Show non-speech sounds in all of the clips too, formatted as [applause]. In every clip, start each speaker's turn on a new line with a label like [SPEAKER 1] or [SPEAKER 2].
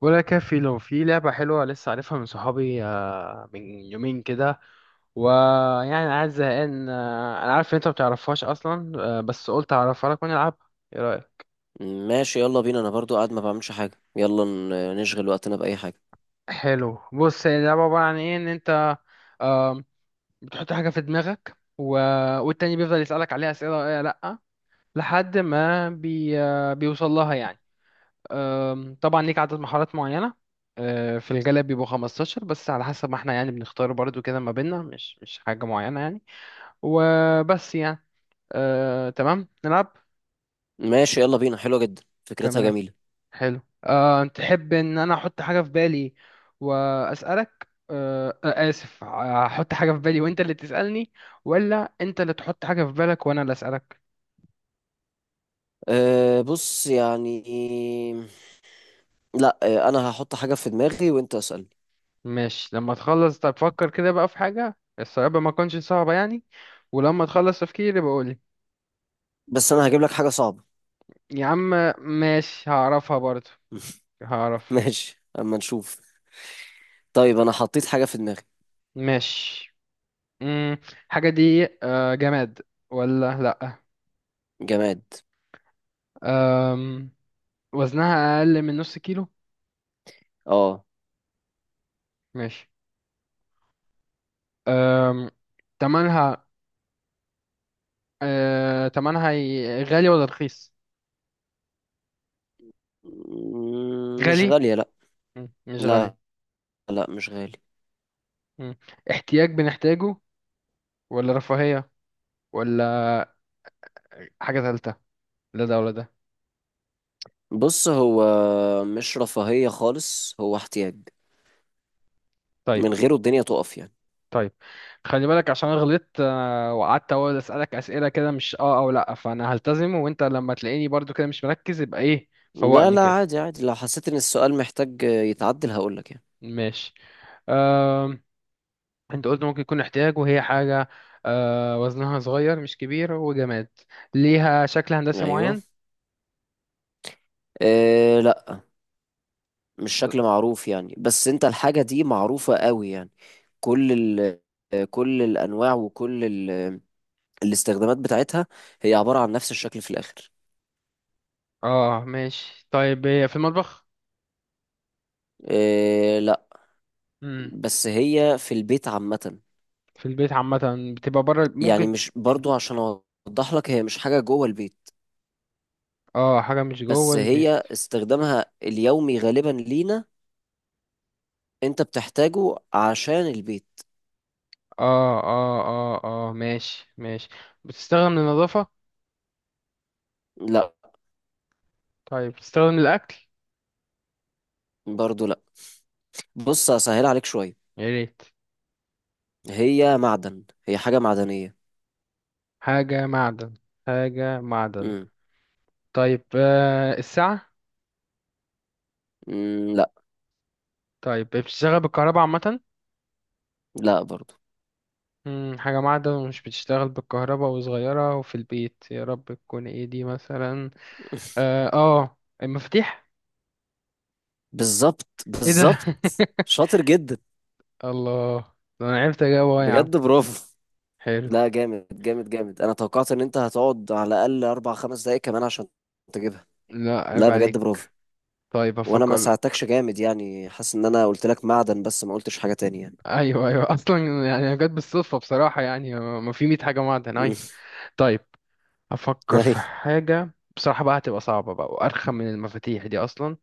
[SPEAKER 1] ولا كافي لو في لعبة حلوة لسه عارفها من صحابي، من يومين كده. ويعني عايز زهقان، انا عارف ان انت ما بتعرفهاش اصلا. بس قلت اعرفها لك ونلعبها. ايه رأيك؟
[SPEAKER 2] ماشي، يلا بينا. انا برضو قاعد ما بعملش حاجة. يلا نشغل وقتنا بأي حاجة.
[SPEAKER 1] حلو. بص، هي اللعبة عبارة عن ايه؟ ان انت آم، بتحط حاجة في دماغك. والتاني بيفضل يسألك عليها أسئلة: ايه، لأ. لحد ما بي... آه، بيوصل لها يعني. طبعا ليك عدد محاولات معينة. في الغالب بيبقوا 15، بس على حسب ما احنا يعني بنختار برضو كده ما بيننا، مش حاجة معينة يعني. وبس يعني. تمام نلعب.
[SPEAKER 2] ماشي يلا بينا، حلوة جدا، فكرتها
[SPEAKER 1] تمام.
[SPEAKER 2] جميلة.
[SPEAKER 1] حلو. تحب ان انا احط حاجة في بالي واسألك، أه، أه، اسف، احط حاجة في بالي وانت اللي تسألني، ولا انت اللي تحط حاجة في بالك وانا اللي اسألك؟
[SPEAKER 2] أه، بص يعني. لا. أه، انا هحط حاجة في دماغي وانت اسألني،
[SPEAKER 1] ماشي لما تخلص. طب فكر كده بقى في حاجة، الصعوبة ما تكونش صعبة يعني. ولما تخلص تفكيري بقول.
[SPEAKER 2] بس انا هجيب لك حاجة صعبة.
[SPEAKER 1] يا عم. ماشي هعرفها برضو.
[SPEAKER 2] [laughs]
[SPEAKER 1] هعرف.
[SPEAKER 2] ماشي، اما نشوف. طيب، انا حطيت حاجة في دماغي.
[SPEAKER 1] ماشي. مم. حاجة دي جماد ولا لأ؟
[SPEAKER 2] جماد.
[SPEAKER 1] أم، وزنها أقل من نص كيلو؟
[SPEAKER 2] اه،
[SPEAKER 1] ماشي. أم، تمنها. تمنها غالي ولا رخيص؟
[SPEAKER 2] مش
[SPEAKER 1] غالي؟
[SPEAKER 2] غالية، لا.
[SPEAKER 1] مش غالي.
[SPEAKER 2] لا، لا مش غالي.
[SPEAKER 1] مم. احتياج بنحتاجه ولا رفاهية، ولا حاجة تالتة، لا ده ولا ده؟
[SPEAKER 2] بص، هو مش رفاهية خالص، هو احتياج.
[SPEAKER 1] طيب.
[SPEAKER 2] من غيره الدنيا تقف يعني.
[SPEAKER 1] طيب. خلي بالك عشان أنا غلطت، وقعدت اقول اسالك اسئله كده مش اه او لا، فانا هلتزم. وانت لما تلاقيني برضو كده مش مركز يبقى ايه،
[SPEAKER 2] لا
[SPEAKER 1] فوقني
[SPEAKER 2] لا،
[SPEAKER 1] كده.
[SPEAKER 2] عادي عادي، لو حسيت ان السؤال محتاج يتعدل هقولك يعني.
[SPEAKER 1] ماشي. آم، انت قلت ممكن يكون احتياج وهي حاجه، وزنها صغير مش كبير وجماد. ليها شكل هندسي
[SPEAKER 2] ايوه.
[SPEAKER 1] معين؟
[SPEAKER 2] إيه لا. مش شكل معروف يعني، بس انت الحاجة دي معروفة قوي يعني. كل ال كل الانواع، وكل الاستخدامات بتاعتها. هي عبارة عن نفس الشكل في الاخر.
[SPEAKER 1] اه ماشي. طيب، هي في المطبخ؟
[SPEAKER 2] إيه لا.
[SPEAKER 1] امم.
[SPEAKER 2] بس هي في البيت عامة.
[SPEAKER 1] في البيت عامه، بتبقى بره
[SPEAKER 2] يعني
[SPEAKER 1] ممكن؟
[SPEAKER 2] مش،
[SPEAKER 1] مم.
[SPEAKER 2] برضو عشان اوضح لك، هي مش حاجة جوه البيت.
[SPEAKER 1] اه، حاجه مش جوه
[SPEAKER 2] بس
[SPEAKER 1] البيت.
[SPEAKER 2] هي استخدامها اليومي غالبا لينا. انت بتحتاجه عشان البيت.
[SPEAKER 1] اه، اه، اه. اه ماشي ماشي. بتستخدم للنظافه؟
[SPEAKER 2] لا.
[SPEAKER 1] طيب تستخدم الأكل؟
[SPEAKER 2] برضو لا. بص، هسهل عليك شوية.
[SPEAKER 1] يا ريت.
[SPEAKER 2] هي معدن، هي حاجة معدنية.
[SPEAKER 1] حاجة معدن؟ حاجة معدن.
[SPEAKER 2] مم.
[SPEAKER 1] طيب، الساعة؟
[SPEAKER 2] مم. لا.
[SPEAKER 1] طيب، بتشتغل بالكهرباء عامة؟
[SPEAKER 2] لا برضو.
[SPEAKER 1] حاجة معدن ومش بتشتغل بالكهرباء وصغيرة وفي البيت، يا رب تكون ايه دي مثلا؟
[SPEAKER 2] [laughs]
[SPEAKER 1] اه، المفاتيح!
[SPEAKER 2] بالظبط
[SPEAKER 1] ايه ده!
[SPEAKER 2] بالظبط.
[SPEAKER 1] [laughs]
[SPEAKER 2] شاطر جدا.
[SPEAKER 1] الله! ده انا عرفت اجاوب أهو يا عم.
[SPEAKER 2] بجد برافو.
[SPEAKER 1] حلو.
[SPEAKER 2] لا، جامد جامد جامد. انا توقعت ان انت هتقعد على الاقل 4 5 دقايق كمان عشان تجيبها.
[SPEAKER 1] لا،
[SPEAKER 2] لا،
[SPEAKER 1] عيب
[SPEAKER 2] بجد
[SPEAKER 1] عليك.
[SPEAKER 2] برافو.
[SPEAKER 1] طيب
[SPEAKER 2] وانا ما
[SPEAKER 1] افكر.
[SPEAKER 2] ساعدتكش جامد يعني، حاسس ان انا قلت لك معدن بس ما قلتش حاجة تانية يعني.
[SPEAKER 1] ايوه، ايوه. [laughs] اصلا. يعني أنا جت بالصدفة بصراحة، يعني ما في 100 حاجة معدن
[SPEAKER 2] مم.
[SPEAKER 1] اي. طيب.
[SPEAKER 2] [laughs]
[SPEAKER 1] افكر في
[SPEAKER 2] أيوة.
[SPEAKER 1] حاجه بصراحه بقى، هتبقى صعبه بقى وارخم من المفاتيح دي اصلا.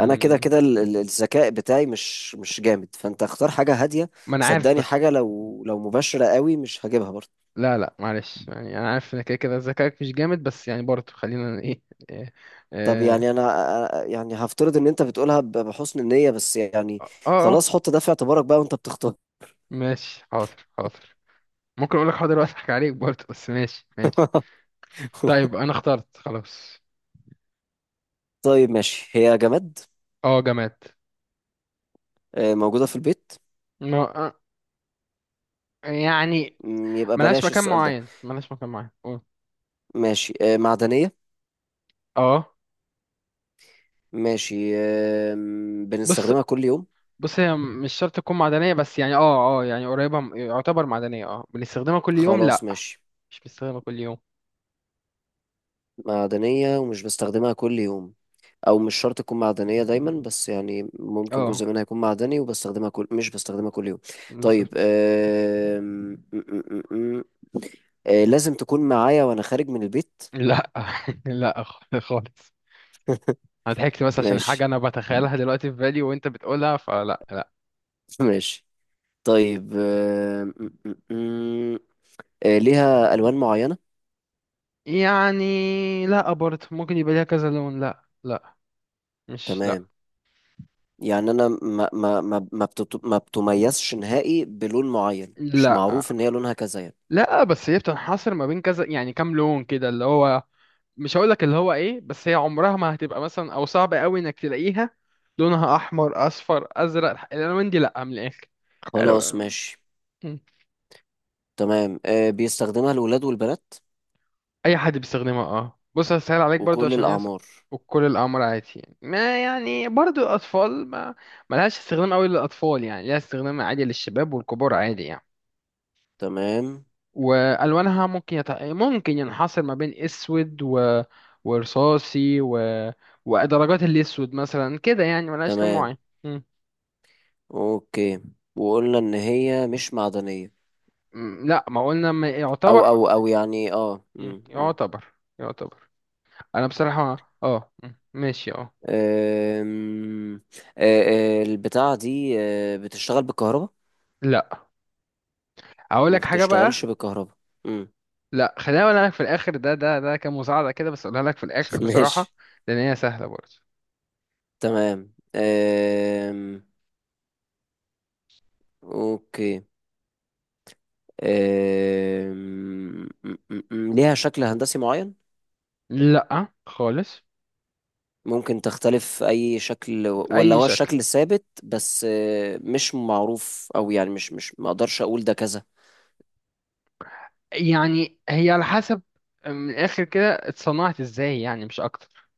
[SPEAKER 2] انا كده كده الذكاء بتاعي مش جامد، فانت اختار حاجة هادية.
[SPEAKER 1] ما انا عارف
[SPEAKER 2] صدقني،
[SPEAKER 1] بس.
[SPEAKER 2] حاجة لو مباشرة قوي مش هجيبها برضو.
[SPEAKER 1] لا، لا، معلش يعني انا عارف ان كده كده ذكائك مش جامد، بس يعني برضه خلينا ايه، إيه،
[SPEAKER 2] طب
[SPEAKER 1] اه،
[SPEAKER 2] يعني انا، يعني هفترض ان انت بتقولها بحسن النية بس يعني.
[SPEAKER 1] اه،
[SPEAKER 2] خلاص، حط ده في اعتبارك بقى وانت بتختار.
[SPEAKER 1] ماشي حاضر حاضر. ممكن اقول لك حاضر واضحك عليك برضه، بس ماشي ماشي.
[SPEAKER 2] [laughs]
[SPEAKER 1] طيب انا اخترت خلاص.
[SPEAKER 2] طيب ماشي، هي جماد.
[SPEAKER 1] اه، جماد.
[SPEAKER 2] موجودة في البيت.
[SPEAKER 1] ما آه، يعني،
[SPEAKER 2] يبقى
[SPEAKER 1] ملهاش
[SPEAKER 2] بلاش
[SPEAKER 1] مكان
[SPEAKER 2] السؤال ده.
[SPEAKER 1] معين، ملهاش مكان معين. قول.
[SPEAKER 2] ماشي، معدنية.
[SPEAKER 1] اه.
[SPEAKER 2] ماشي،
[SPEAKER 1] بص،
[SPEAKER 2] بنستخدمها كل يوم.
[SPEAKER 1] بص، هي مش شرط تكون معدنية، بس يعني يعني قريبة، يعتبر معدنية. اه، بنستخدمها كل يوم؟
[SPEAKER 2] خلاص
[SPEAKER 1] لا،
[SPEAKER 2] ماشي.
[SPEAKER 1] مش بنستخدمها كل يوم.
[SPEAKER 2] معدنية ومش بستخدمها كل يوم. او مش شرط تكون معدنية دايما، بس يعني ممكن جزء
[SPEAKER 1] اه،
[SPEAKER 2] منها يكون معدني، وبستخدمها كل مش بستخدمها كل يوم. طيب
[SPEAKER 1] بالظبط.
[SPEAKER 2] لازم تكون معايا وانا خارج من البيت.
[SPEAKER 1] لا [laughs] لا خالص. انا ضحكت بس عشان حاجة
[SPEAKER 2] ماشي.
[SPEAKER 1] انا بتخيلها دلوقتي في بالي وانت بتقولها، فلا، لا.
[SPEAKER 2] [laughs] ماشي. طيب، م- ليها الوان معينه.
[SPEAKER 1] يعني لا، برضه ممكن يبقى ليها كذا لون. لا، لا. مش لا.
[SPEAKER 2] تمام. يعني انا ما بتميزش نهائي بلون معين، مش
[SPEAKER 1] لا،
[SPEAKER 2] معروف ان هي لونها كذا يعني.
[SPEAKER 1] لا، بس هي بتنحصر ما بين كذا يعني كام لون كده، اللي هو مش هقولك اللي هو ايه، بس هي عمرها ما هتبقى مثلا، او صعب قوي انك تلاقيها لونها احمر، اصفر، ازرق، الالوان دي لا، من الاخر.
[SPEAKER 2] خلاص
[SPEAKER 1] الو-
[SPEAKER 2] ماشي.
[SPEAKER 1] م.
[SPEAKER 2] تمام، بيستخدمها الولاد والبنات
[SPEAKER 1] اي حد بيستخدمها. اه، بص هسهل عليك برضو
[SPEAKER 2] وكل
[SPEAKER 1] عشان هي
[SPEAKER 2] الاعمار.
[SPEAKER 1] وكل الامر عادي يعني. ما يعني برضو الاطفال، ما ملهاش استخدام قوي للاطفال، يعني ليها استخدام عادي للشباب والكبار عادي يعني.
[SPEAKER 2] تمام
[SPEAKER 1] والوانها ممكن ممكن ينحصر ما بين اسود، ورصاصي، ودرجات الاسود مثلا كده، يعني ملهاش لون
[SPEAKER 2] تمام.
[SPEAKER 1] معين.
[SPEAKER 2] اوكي. وقلنا ان هي مش معدنيه.
[SPEAKER 1] لا ما قلنا،
[SPEAKER 2] او
[SPEAKER 1] يعتبر
[SPEAKER 2] او او يعني اه م- م.
[SPEAKER 1] يعتبر. يعتبر. انا بصراحة ماشي
[SPEAKER 2] أم، أه، أه، البتاعة دي بتشتغل بالكهرباء.
[SPEAKER 1] لا اقول
[SPEAKER 2] ما
[SPEAKER 1] لك حاجة بقى.
[SPEAKER 2] بتشتغلش بالكهرباء. مم.
[SPEAKER 1] لا، خليها اقولها لك في الاخر، ده كمساعدة كده، بس اقولها لك في الاخر
[SPEAKER 2] [laughs]
[SPEAKER 1] بصراحة.
[SPEAKER 2] ماشي.
[SPEAKER 1] لان هي سهلة برضه.
[SPEAKER 2] تمام. اوكي. أم، م- م- م- ليها شكل هندسي معين.
[SPEAKER 1] لا خالص.
[SPEAKER 2] ممكن تختلف اي شكل ولا
[SPEAKER 1] بأي
[SPEAKER 2] هو
[SPEAKER 1] شكل.
[SPEAKER 2] الشكل الثابت، بس مش معروف، او يعني مش مش ما اقدرش اقول ده كذا.
[SPEAKER 1] يعني هي على حسب، من الاخر كده اتصنعت ازاي يعني، مش اكتر.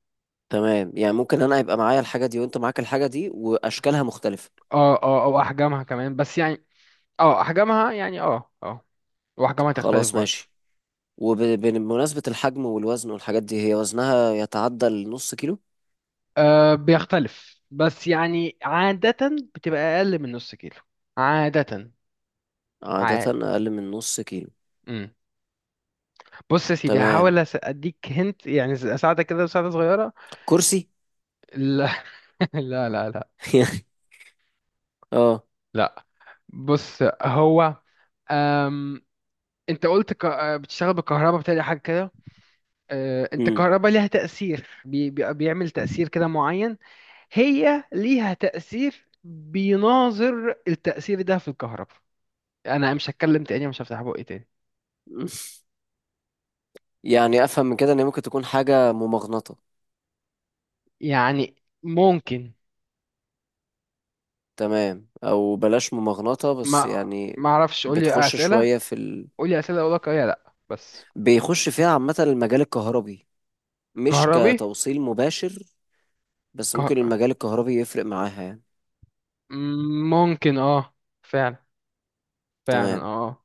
[SPEAKER 2] تمام، يعني ممكن انا يبقى معايا الحاجة دي وانت معاك الحاجة دي واشكالها مختلفة.
[SPEAKER 1] اه، اه، او احجامها كمان، بس يعني. اه، احجامها يعني، اه، اه. واحجامها تختلف
[SPEAKER 2] خلاص
[SPEAKER 1] برضه.
[SPEAKER 2] ماشي. وبمناسبة الحجم والوزن والحاجات دي، هي وزنها يتعدى النص كيلو؟
[SPEAKER 1] أه، بيختلف، بس يعني عادة بتبقى أقل من نص كيلو. عادة.
[SPEAKER 2] عادة
[SPEAKER 1] ع...
[SPEAKER 2] أقل من نص كيلو.
[SPEAKER 1] مم. بص يا سيدي،
[SPEAKER 2] تمام.
[SPEAKER 1] هحاول أديك هنت، يعني أساعدك كده مساعدة صغيرة.
[SPEAKER 2] كرسي.
[SPEAKER 1] لا [laughs] لا، لا، لا.
[SPEAKER 2] [laughs] اه.
[SPEAKER 1] لا. بص، هو أم... أنت قلت ك... آه، بتشتغل بالكهرباء بتاعي حاجة كده. أنت
[SPEAKER 2] امم.
[SPEAKER 1] الكهرباء ليها تأثير، بيعمل تأثير كده معين. هي ليها تأثير بيناظر التأثير ده في الكهرباء. أنا مش هتكلم تاني، مش هفتح بقي تاني.
[SPEAKER 2] يعني أفهم من كده إن هي ممكن تكون حاجة ممغنطة.
[SPEAKER 1] يعني ممكن.
[SPEAKER 2] تمام، أو بلاش ممغنطة بس
[SPEAKER 1] ما
[SPEAKER 2] يعني.
[SPEAKER 1] ما اعرفش، قولي
[SPEAKER 2] بتخش
[SPEAKER 1] اسئله.
[SPEAKER 2] شوية في ال...
[SPEAKER 1] قولي اسئله اقول لك اه يا لا بس.
[SPEAKER 2] بيخش فيها عامة المجال الكهربي، مش
[SPEAKER 1] كهربي.
[SPEAKER 2] كتوصيل مباشر، بس ممكن
[SPEAKER 1] كه...
[SPEAKER 2] المجال الكهربي يفرق معاها يعني.
[SPEAKER 1] ممكن اه. فعلا. فعلا اه
[SPEAKER 2] تمام.
[SPEAKER 1] آه.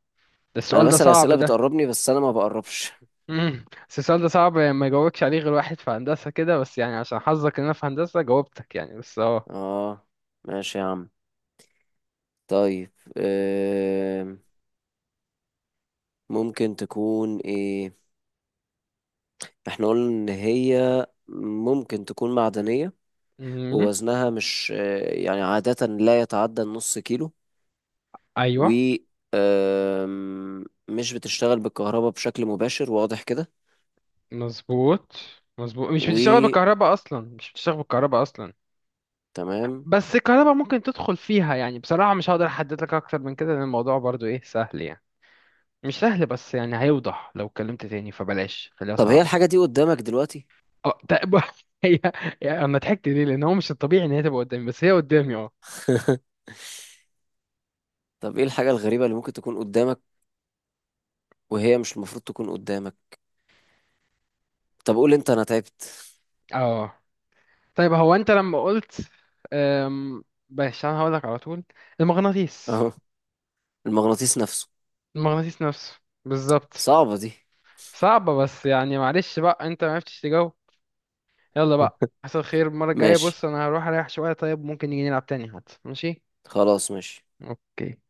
[SPEAKER 1] ده
[SPEAKER 2] أنا
[SPEAKER 1] السؤال ده
[SPEAKER 2] بسأل
[SPEAKER 1] صعب
[SPEAKER 2] أسئلة
[SPEAKER 1] ده.
[SPEAKER 2] بتقربني، بس أنا ما بقربش.
[SPEAKER 1] مم. بس السؤال ده صعب ما يجاوبكش عليه غير واحد في هندسه كده، بس يعني عشان حظك ان انا في هندسه جاوبتك يعني، بس اه.
[SPEAKER 2] اه. ماشي يا عم. طيب آم، ممكن تكون ايه؟ احنا قلنا ان هي ممكن تكون معدنية،
[SPEAKER 1] مم.
[SPEAKER 2] ووزنها مش، يعني عادة لا يتعدى النص كيلو. و
[SPEAKER 1] ايوه.
[SPEAKER 2] مش بتشتغل بالكهرباء بشكل مباشر واضح كده.
[SPEAKER 1] مظبوط. مظبوط، مش بتشتغل
[SPEAKER 2] و
[SPEAKER 1] بالكهرباء اصلا، مش بتشتغل بالكهرباء اصلا.
[SPEAKER 2] تمام.
[SPEAKER 1] بس الكهرباء ممكن تدخل فيها، يعني بصراحة مش هقدر احدد لك اكتر من كده، لان الموضوع برضو ايه سهل يعني. مش سهل، بس يعني هيوضح لو اتكلمت تاني، فبلاش خليها
[SPEAKER 2] طب هي
[SPEAKER 1] صعبة.
[SPEAKER 2] الحاجة دي قدامك دلوقتي؟
[SPEAKER 1] اه طيب [laughs] هي. يعني انا ضحكت ليه لان هو مش الطبيعي ان هي تبقى قدامي، بس هي قدامي اه.
[SPEAKER 2] [laughs] طب ايه الحاجة الغريبة اللي ممكن تكون قدامك وهي مش المفروض تكون قدامك؟ طب قول انت، انا تعبت.
[SPEAKER 1] اه طيب، هو انت لما قلت أم... بس انا هقولك على طول.
[SPEAKER 2] [laughs]
[SPEAKER 1] المغناطيس.
[SPEAKER 2] اهو. المغناطيس نفسه.
[SPEAKER 1] المغناطيس نفسه. بالظبط.
[SPEAKER 2] صعبة دي.
[SPEAKER 1] صعبة، بس يعني معلش بقى انت ما عرفتش تجاوب. يلا بقى، حصل خير. المرة الجاية
[SPEAKER 2] ماشي،
[SPEAKER 1] بص انا هروح اريح شوية، طيب ممكن نيجي نلعب تاني حتى، ماشي.
[SPEAKER 2] خلاص ماشي.
[SPEAKER 1] اوكي.